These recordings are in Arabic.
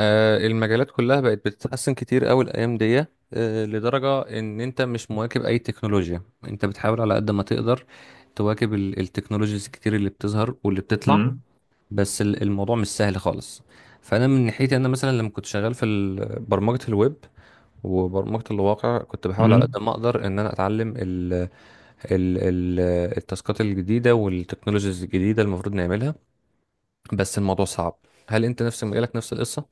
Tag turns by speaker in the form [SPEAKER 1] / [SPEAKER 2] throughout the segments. [SPEAKER 1] المجالات كلها بقت بتتحسن كتير قوي الايام دي. لدرجه ان انت مش مواكب اي تكنولوجيا، انت بتحاول على قد ما تقدر تواكب التكنولوجيز الكتير اللي بتظهر واللي بتطلع.
[SPEAKER 2] مم.
[SPEAKER 1] بس الموضوع مش سهل خالص. فانا من ناحيتي، انا مثلا لما كنت شغال في برمجه الويب وبرمجه الواقع، كنت بحاول على
[SPEAKER 2] مم.
[SPEAKER 1] قد ما اقدر ان انا اتعلم ال التاسكات الجديده والتكنولوجيز الجديده المفروض نعملها. بس الموضوع صعب. هل انت نفس مجالك نفس القصه؟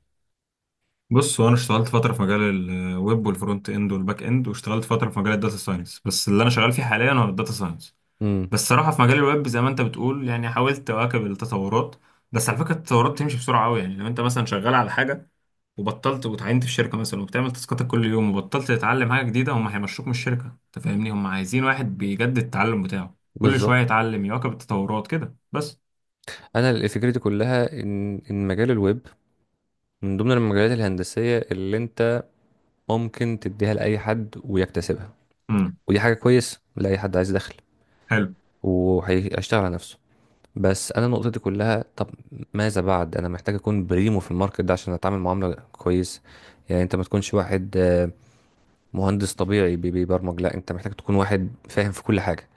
[SPEAKER 2] بص، هو انا اشتغلت فتره في مجال الويب والفرونت اند والباك اند، واشتغلت فتره في مجال الداتا ساينس، بس اللي انا شغال فيه حاليا هو الداتا ساينس.
[SPEAKER 1] امم.
[SPEAKER 2] بس صراحه في مجال الويب زي ما انت بتقول يعني حاولت اواكب التطورات، بس على فكره التطورات بتمشي بسرعه قوي. يعني لو انت مثلا شغال على حاجه وبطلت، وتعينت في شركه مثلا وبتعمل تاسكاتك كل يوم، وبطلت تتعلم حاجه جديده، هم هيمشوك من الشركه. انت فاهمني، هم عايزين واحد بيجدد التعلم بتاعه كل
[SPEAKER 1] بالظبط.
[SPEAKER 2] شويه، يتعلم يواكب التطورات كده بس.
[SPEAKER 1] انا اللي فكرتي كلها ان مجال الويب من ضمن المجالات الهندسيه اللي انت ممكن تديها لاي حد ويكتسبها،
[SPEAKER 2] امم.
[SPEAKER 1] ودي حاجه كويس لاي حد عايز دخل
[SPEAKER 2] حلو.
[SPEAKER 1] وهيشتغل على نفسه. بس انا نقطتي كلها، طب ماذا بعد؟ انا محتاج اكون بريمو في الماركت ده عشان اتعامل معامله كويس. يعني انت ما تكونش واحد مهندس طبيعي بيبرمج، لا، انت محتاج تكون واحد فاهم في كل حاجه.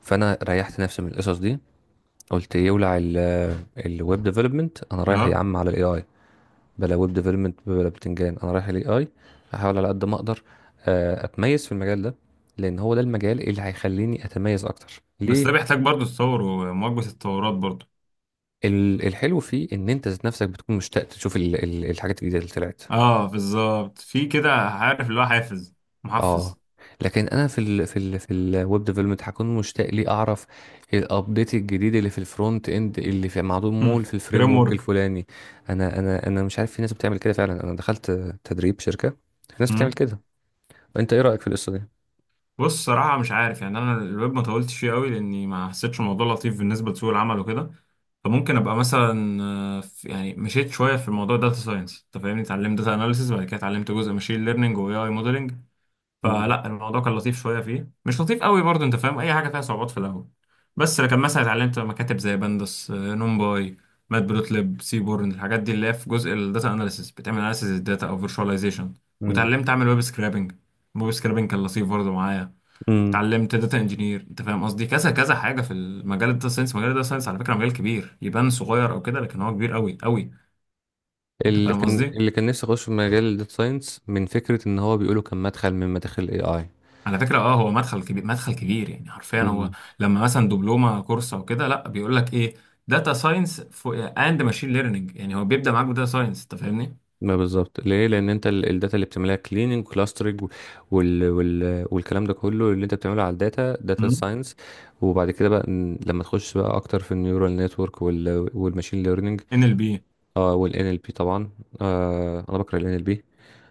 [SPEAKER 1] فانا ريحت نفسي من القصص دي. قلت يولع الويب ديفلوبمنت، انا رايح يا
[SPEAKER 2] اه
[SPEAKER 1] عم على الاي اي. بلا ويب ديفلوبمنت بلا بتنجان، انا رايح الاي اي. احاول على قد ما اقدر اتميز في المجال ده، لان هو ده المجال اللي هيخليني اتميز اكتر
[SPEAKER 2] بس
[SPEAKER 1] ليه.
[SPEAKER 2] ده بيحتاج برضو تطور ومواكبة التطورات برضو.
[SPEAKER 1] الحلو فيه ان انت ذات نفسك بتكون مشتاق تشوف الحاجات الجديده اللي طلعت.
[SPEAKER 2] اه بالظبط، في كده، عارف اللي هو حافز،
[SPEAKER 1] اه،
[SPEAKER 2] محفز.
[SPEAKER 1] لكن انا في الويب ديفلوبمنت هكون مشتاق لي اعرف الابديت الجديد اللي في الفرونت اند، اللي في معمول في الفريم
[SPEAKER 2] فريم
[SPEAKER 1] ورك
[SPEAKER 2] ورك.
[SPEAKER 1] الفلاني. انا مش عارف، في ناس بتعمل كده فعلا. انا دخلت تدريب شركه، في ناس بتعمل
[SPEAKER 2] مم.
[SPEAKER 1] كده. انت ايه رايك في القصه دي؟
[SPEAKER 2] بص صراحة مش عارف. يعني انا الويب ما طولتش فيه قوي لاني ما حسيتش الموضوع لطيف بالنسبة لسوق العمل وكده. فممكن ابقى مثلا، يعني مشيت شوية في موضوع داتا ساينس. انت فاهمني، اتعلمت داتا اناليسيس، بعد كده اتعلمت جزء ماشين ليرنينج واي اي موديلنج. فلا الموضوع كان لطيف شويه، فيه مش لطيف قوي برضه. انت فاهم، اي حاجه فيها صعوبات في الاول. بس لكن مثلا اتعلمت مكاتب زي بندس، نمباي، ماتبلوتلib، سيبورن، الحاجات دي اللي هي في جزء الداتا اناليسيس، بتعمل اناليسيس الداتا او فيرشواليزيشن.
[SPEAKER 1] مم.
[SPEAKER 2] واتعلمت اعمل ويب سكرابنج، الويب سكرابنج كان لطيف برضه معايا.
[SPEAKER 1] امم.
[SPEAKER 2] اتعلمت داتا انجينير. انت فاهم قصدي، كذا كذا حاجه في المجال الداتا ساينس. مجال الداتا ساينس على فكره مجال كبير، يبان صغير او كده لكن هو كبير قوي قوي. انت
[SPEAKER 1] اللي
[SPEAKER 2] فاهم
[SPEAKER 1] كان
[SPEAKER 2] قصدي؟
[SPEAKER 1] اللي كان نفسي اخش في مجال الداتا ساينس من فكره ان هو بيقولوا كان مدخل من مداخل الاي اي.
[SPEAKER 2] على فكرة اه هو مدخل كبير، مدخل كبير، يعني حرفيا هو
[SPEAKER 1] امم.
[SPEAKER 2] لما مثلا دبلومة كورس او كده، لا بيقول لك ايه؟ داتا ساينس اند ماشين ليرنينج. يعني هو بيبدأ معاك بداتا ساينس. انت فاهمني؟
[SPEAKER 1] ما بالظبط، ليه؟ لان انت الداتا اللي بتعملها كليننج، كلاسترنج، والكلام ده كله اللي انت بتعمله على الداتا، داتا ساينس. وبعد كده بقى لما تخش بقى اكتر في النيورال نتورك والماشين ليرنينج.
[SPEAKER 2] ان ال بي.
[SPEAKER 1] اه، والان ال بي طبعا. آه، انا بكره الان ال بي.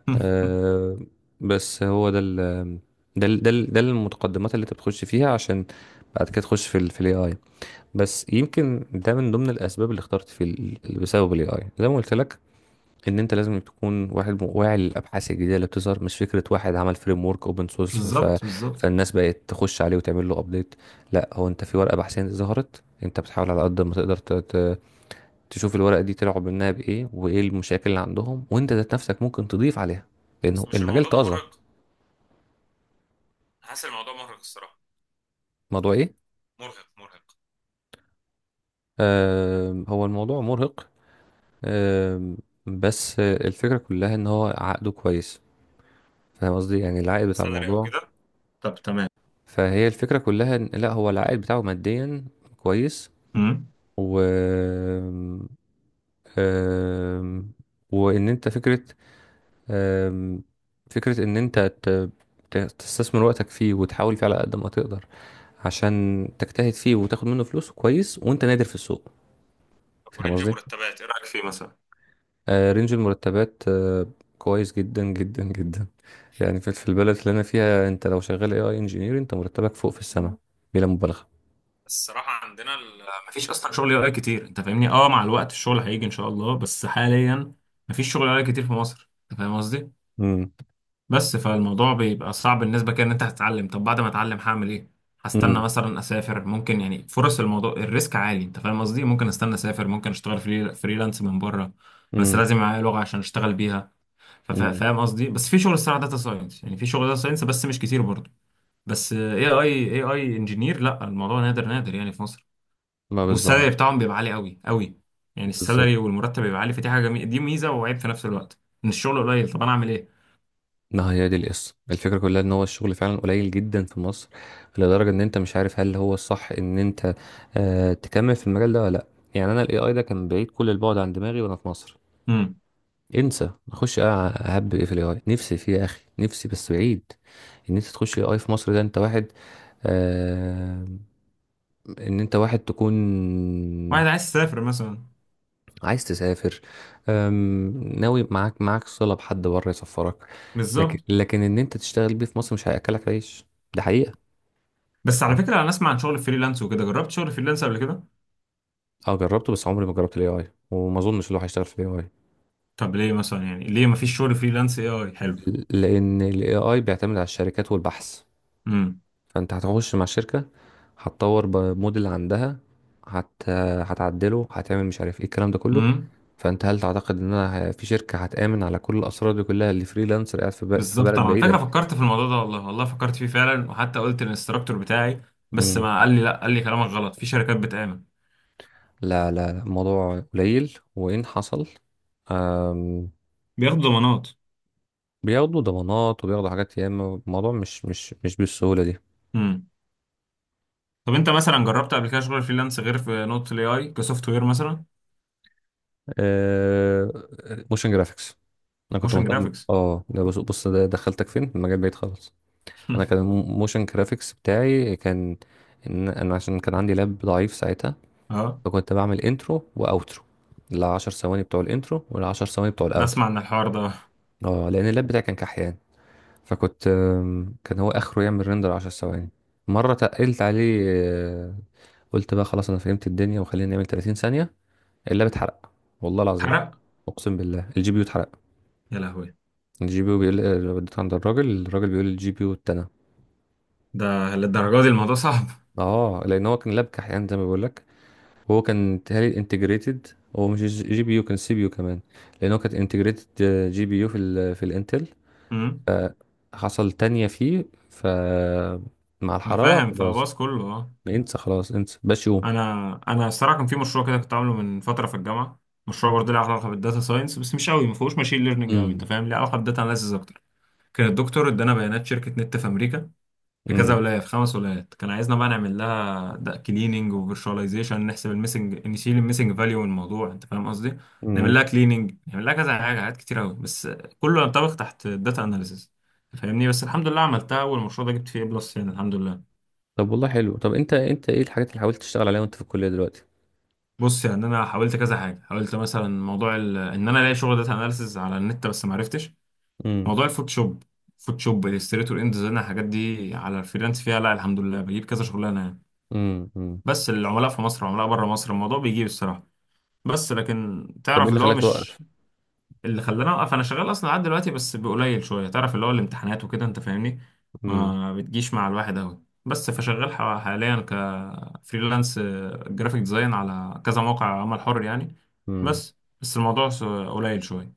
[SPEAKER 1] آه. بس هو ده المتقدمات اللي انت بتخش فيها عشان بعد كده تخش في الاي اي. بس يمكن ده من ضمن الاسباب اللي اخترت اللي بسبب الاي اي، زي ما قلت لك، ان انت لازم تكون واحد واعي للابحاث الجديده اللي بتظهر، مش فكره واحد عمل فريم ورك اوبن سورس.
[SPEAKER 2] بالظبط بالظبط.
[SPEAKER 1] فالناس بقت تخش عليه وتعمل له ابديت. لا، هو انت في ورقه بحثيه ظهرت، انت بتحاول على قد ما تقدر تشوف الورقه دي طلعوا منها بايه وايه المشاكل اللي عندهم، وانت ذات نفسك ممكن تضيف عليها، لانه
[SPEAKER 2] بس مش
[SPEAKER 1] المجال
[SPEAKER 2] الموضوع ده
[SPEAKER 1] طازه.
[SPEAKER 2] مرهق؟ حاسس الموضوع مرهق الصراحه.
[SPEAKER 1] الموضوع ايه؟
[SPEAKER 2] مرهق مرهق.
[SPEAKER 1] هو الموضوع مرهق. آه... بس الفكره كلها ان هو عقده كويس. فاهم قصدي؟ يعني العائد بتاع
[SPEAKER 2] سالري او
[SPEAKER 1] الموضوع.
[SPEAKER 2] كده؟ طب تمام.
[SPEAKER 1] فهي الفكرة كلها إن لا، هو العائد بتاعه ماديا كويس،
[SPEAKER 2] مم.
[SPEAKER 1] و آم، وإن أنت فكرة، آم، فكرة إن أنت تستثمر وقتك فيه وتحاول فيه على قد ما تقدر، عشان تجتهد فيه وتاخد منه فلوس كويس وأنت نادر في السوق.
[SPEAKER 2] طب
[SPEAKER 1] فاهم
[SPEAKER 2] ورينج
[SPEAKER 1] قصدي؟
[SPEAKER 2] مرتبات، ايه رايك في فيه مثلا؟
[SPEAKER 1] رينج المرتبات كويس جدا جدا جدا. يعني في البلد اللي أنا فيها، أنت لو شغال AI engineer، أنت مرتبك فوق في السماء، بلا مبالغة.
[SPEAKER 2] بس الصراحه عندنا. مفيش اصلا شغل يو اي كتير. انت فاهمني، اه مع الوقت الشغل هيجي ان شاء الله، بس حاليا مفيش شغل يو اي كتير في مصر. انت فاهم قصدي،
[SPEAKER 1] امم.
[SPEAKER 2] بس فالموضوع بيبقى صعب بالنسبة كده. ان انت هتتعلم، طب بعد ما اتعلم هعمل ايه؟ هستنى
[SPEAKER 1] امم.
[SPEAKER 2] مثلا اسافر، ممكن؟ يعني فرص الموضوع، الريسك عالي. انت فاهم قصدي، ممكن استنى اسافر، ممكن اشتغل فري فريلانس من بره. بس
[SPEAKER 1] امم.
[SPEAKER 2] لازم معايا لغة عشان اشتغل بيها.
[SPEAKER 1] امم.
[SPEAKER 2] فاهم قصدي؟ بس في شغل الصراحة داتا ساينس، يعني في شغل داتا ساينس بس مش كتير برضه. بس اي اي انجينير لا، الموضوع نادر نادر يعني في مصر.
[SPEAKER 1] ما
[SPEAKER 2] والسالري
[SPEAKER 1] بالظبط.
[SPEAKER 2] بتاعهم بيبقى عالي قوي قوي. يعني
[SPEAKER 1] بالظبط.
[SPEAKER 2] السالري والمرتب بيبقى عالي، فدي حاجة جميلة، دي ميزة وعيب في نفس الوقت. ان الشغل قليل، طب انا اعمل ايه؟
[SPEAKER 1] ما هي دي القصه، الفكره كلها ان هو الشغل فعلا قليل جدا في مصر، لدرجه ان انت مش عارف هل هو الصح ان انت تكمل في المجال ده ولا لا. يعني انا الاي اي ده كان بعيد كل البعد عن دماغي وانا في مصر.
[SPEAKER 2] امم.
[SPEAKER 1] انسى اخش اهب ايه في الاي اي. نفسي فيه يا اخي، نفسي، بس بعيد ان انت تخش الاي اي في مصر. ده انت واحد آه ان انت واحد تكون
[SPEAKER 2] واحد عايز يسافر مثلا.
[SPEAKER 1] عايز تسافر. ناوي معاك صلة بحد بره يسفرك. لكن
[SPEAKER 2] بالظبط.
[SPEAKER 1] لكن ان انت تشتغل بيه في مصر مش هياكلك عيش. ده حقيقة.
[SPEAKER 2] بس على فكرة، أنا أسمع عن شغل فريلانس وكده، جربت شغل فريلانس قبل كده.
[SPEAKER 1] اه، جربته بس عمري ما جربت الاي اي، وما اظنش اللي هو هيشتغل في الاي اي.
[SPEAKER 2] طب ليه مثلا؟ يعني ليه مفيش شغل فريلانس اي اي حلو؟
[SPEAKER 1] لان الاي اي بيعتمد على الشركات والبحث.
[SPEAKER 2] امم.
[SPEAKER 1] فانت هتخش مع الشركة، هتطور بموديل عندها، هت... هتعدله، هتعمل مش عارف ايه الكلام ده كله.
[SPEAKER 2] امم.
[SPEAKER 1] فانت هل تعتقد ان انا في شركة هتآمن على كل الاسرار دي كلها، اللي فريلانسر قاعد في
[SPEAKER 2] بالظبط.
[SPEAKER 1] بلد
[SPEAKER 2] أنا على
[SPEAKER 1] بعيدة؟
[SPEAKER 2] فكرة فكرت في الموضوع ده، والله والله فكرت فيه فعلا، وحتى قلت للانستراكتور بتاعي. بس ما قال لي لا، قال لي كلامك غلط، في شركات بتعمل.
[SPEAKER 1] لا لا لا، الموضوع قليل، وإن حصل أم
[SPEAKER 2] بياخدوا ضمانات.
[SPEAKER 1] بياخدوا ضمانات وبياخدوا حاجات ياما. الموضوع مش بالسهولة دي.
[SPEAKER 2] امم. طب أنت مثلا جربت قبل كده شغل فريلانس، غير في نقطة الاي اي، كسوفت وير مثلا؟
[SPEAKER 1] أه، موشن جرافيكس. أنا كنت
[SPEAKER 2] موشن
[SPEAKER 1] مهتم،
[SPEAKER 2] جرافيكس.
[SPEAKER 1] اه، ده بص بص ده دخلتك فين، المجال بعيد خالص. أنا كان الموشن جرافيكس بتاعي كان إن أنا عشان كان عندي لاب ضعيف ساعتها،
[SPEAKER 2] اه.
[SPEAKER 1] فكنت بعمل انترو وأوترو. العشر ثواني بتوع الانترو والعشر ثواني بتوع الأوترو.
[SPEAKER 2] نسمع عن الحوار ده.
[SPEAKER 1] اه، لأن اللاب بتاعي كان كحيان. فكنت كان هو اخره يعمل ريندر 10 ثواني. مره تقلت عليه، قلت بقى خلاص انا فهمت الدنيا وخلينا نعمل 30 ثانيه. اللاب اتحرق، والله العظيم.
[SPEAKER 2] حرق.
[SPEAKER 1] اقسم بالله، الجي بي يو اتحرق.
[SPEAKER 2] يا لهوي.
[SPEAKER 1] الجي بي يو بيقول وديت عند الراجل، الراجل بيقول الجي بي يو اتنى.
[SPEAKER 2] ده للدرجة دي الموضوع صعب؟
[SPEAKER 1] اه، لان هو كان لاب كحيان زي ما بقول لك، وهو كان تهيألي انتجريتد. هو مش جي بي يو، كان سي بي يو كمان، لان هو كان انتجريتد جي بي يو في الانتل.
[SPEAKER 2] امم.
[SPEAKER 1] فحصل تانية فيه، ف مع
[SPEAKER 2] انا
[SPEAKER 1] الحرارة
[SPEAKER 2] فاهم،
[SPEAKER 1] خلاص.
[SPEAKER 2] فباص كله اه.
[SPEAKER 1] انسى خلاص، انسى بشو.
[SPEAKER 2] انا انا الصراحه كان في مشروع كده كنت عامله من فتره في الجامعه. مشروع برضه له علاقه بالداتا ساينس، بس مش قوي، ما فيهوش ماشين ليرنينج قوي.
[SPEAKER 1] امم.
[SPEAKER 2] انت فاهم، ليه علاقه بالداتا اناليسيس اكتر. كان الدكتور ادانا بيانات شركه نت في امريكا، في كذا
[SPEAKER 1] امم.
[SPEAKER 2] ولايه، في خمس ولايات. كان عايزنا بقى نعمل لها كليننج وفيرشواليزيشن، نحسب الميسنج، نشيل الميسنج فاليو من الموضوع. انت فاهم قصدي، نعمل
[SPEAKER 1] امم.
[SPEAKER 2] لها كليننج، نعمل لها كذا حاجه، حاجات كتير قوي، بس كله ينطبق تحت الداتا اناليسيس. فاهمني، بس الحمد لله عملتها، والمشروع ده جبت فيه بلس يعني، الحمد لله.
[SPEAKER 1] طب والله حلو. طب انت ايه الحاجات اللي حاولت تشتغل عليها وانت في الكلية دلوقتي؟
[SPEAKER 2] بص يعني انا حاولت كذا حاجه. حاولت مثلا. ان انا الاقي شغل داتا اناليسز على النت، بس ما عرفتش.
[SPEAKER 1] امم.
[SPEAKER 2] موضوع الفوتوشوب، فوتوشوب الستريتور اند ديزاين، الحاجات دي على الفريلانس فيها، لا الحمد لله بجيب كذا شغلانه يعني.
[SPEAKER 1] امم. امم.
[SPEAKER 2] بس العملاء في مصر وعملاء بره مصر، الموضوع بيجيب الصراحه. بس لكن
[SPEAKER 1] طب ايه
[SPEAKER 2] تعرف
[SPEAKER 1] اللي
[SPEAKER 2] اللي هو
[SPEAKER 1] خلاك توقف؟
[SPEAKER 2] مش... اللي خلاني اوقف، انا شغال اصلا لحد دلوقتي بس بقليل شويه. تعرف اللي هو الامتحانات وكده، انت فاهمني،
[SPEAKER 1] امم.
[SPEAKER 2] ما بتجيش مع الواحد قوي. بس فشغال حاليا كفريلانس جرافيك ديزاين على كذا موقع عمل حر يعني.
[SPEAKER 1] امم.
[SPEAKER 2] بس بس الموضوع قليل شويه.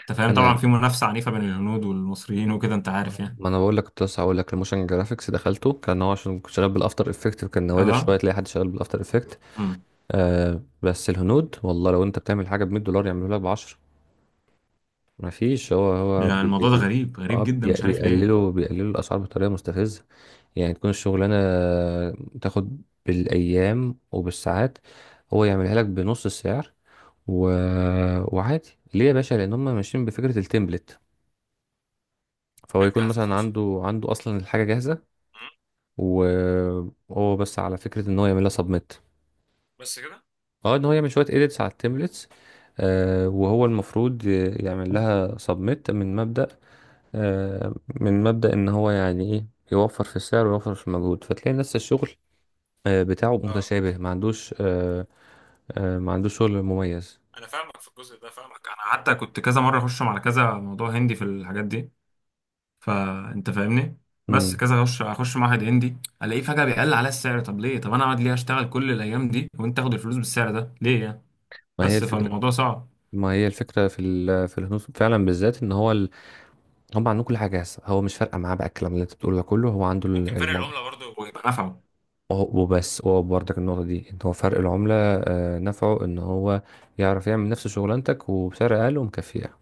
[SPEAKER 2] انت فاهم طبعا،
[SPEAKER 1] انا،
[SPEAKER 2] في منافسه عنيفه بين الهنود والمصريين وكده، انت عارف يعني.
[SPEAKER 1] ما انا بقول لك، كنت لسه هقول لك الموشن جرافيكس دخلته، كان هو عشان كنت شغال بالافتر افكت. كان نوادر
[SPEAKER 2] اه.
[SPEAKER 1] شويه تلاقي حد شغال بالافتر افكت.
[SPEAKER 2] امم.
[SPEAKER 1] آه، بس الهنود والله لو انت بتعمل حاجه ب $100، يعملوا لك ب 10. ما فيش. هو
[SPEAKER 2] يعني
[SPEAKER 1] بي بي
[SPEAKER 2] الموضوع ده
[SPEAKER 1] بي
[SPEAKER 2] غريب غريب جدا، مش عارف ليه.
[SPEAKER 1] بيقللوا الاسعار بطريقه مستفزه. يعني تكون الشغلانة تاخد بالأيام وبالساعات، هو يعملها لك بنص السعر و... وعادي. ليه يا باشا؟ لأن هم ماشيين بفكرة التمبلت. فهو
[SPEAKER 2] جت
[SPEAKER 1] يكون
[SPEAKER 2] جاهزه
[SPEAKER 1] مثلا
[SPEAKER 2] توصل.
[SPEAKER 1] عنده أصلا الحاجة جاهزة.
[SPEAKER 2] مم.
[SPEAKER 1] وهو بس على فكرة إن هو يعملها سبميت،
[SPEAKER 2] بس كده.
[SPEAKER 1] اه، إن هو يعمل شوية إيديتس على التمبلتس. آه، وهو المفروض يعمل لها سبميت من مبدأ، آه من مبدأ إن هو يعني إيه، يوفر في السعر ويوفر في المجهود. فتلاقي نفس الشغل بتاعه
[SPEAKER 2] اه
[SPEAKER 1] متشابه، ما عندوش ما عندوش شغل مميز.
[SPEAKER 2] انا فاهمك في الجزء ده، فاهمك. انا حتى كنت كذا مره اخش على كذا موضوع هندي في الحاجات دي. فانت فاهمني، بس
[SPEAKER 1] امم.
[SPEAKER 2] كذا اخش معهد هندي، الاقيه فجأة بيقل على السعر. طب ليه؟ طب انا اقعد ليه اشتغل كل الايام دي، وانت تاخد الفلوس بالسعر ده ليه يعني؟
[SPEAKER 1] ما هي
[SPEAKER 2] بس
[SPEAKER 1] الفكره.
[SPEAKER 2] فالموضوع صعب.
[SPEAKER 1] ما هي الفكره في الهنود فعلا، بالذات ان هو هم عندهم كل حاجه جاهزه. هو مش فارقه معاه بقى الكلام اللي انت بتقوله ده كله، هو عنده
[SPEAKER 2] ممكن فرق
[SPEAKER 1] الموضوع.
[SPEAKER 2] العملة برضو يبقى نفعه.
[SPEAKER 1] وبس هو برضك النقطه دي ان هو فرق العمله نفعه ان هو يعرف يعمل نفس شغلانتك وبسعر اقل ومكفيه.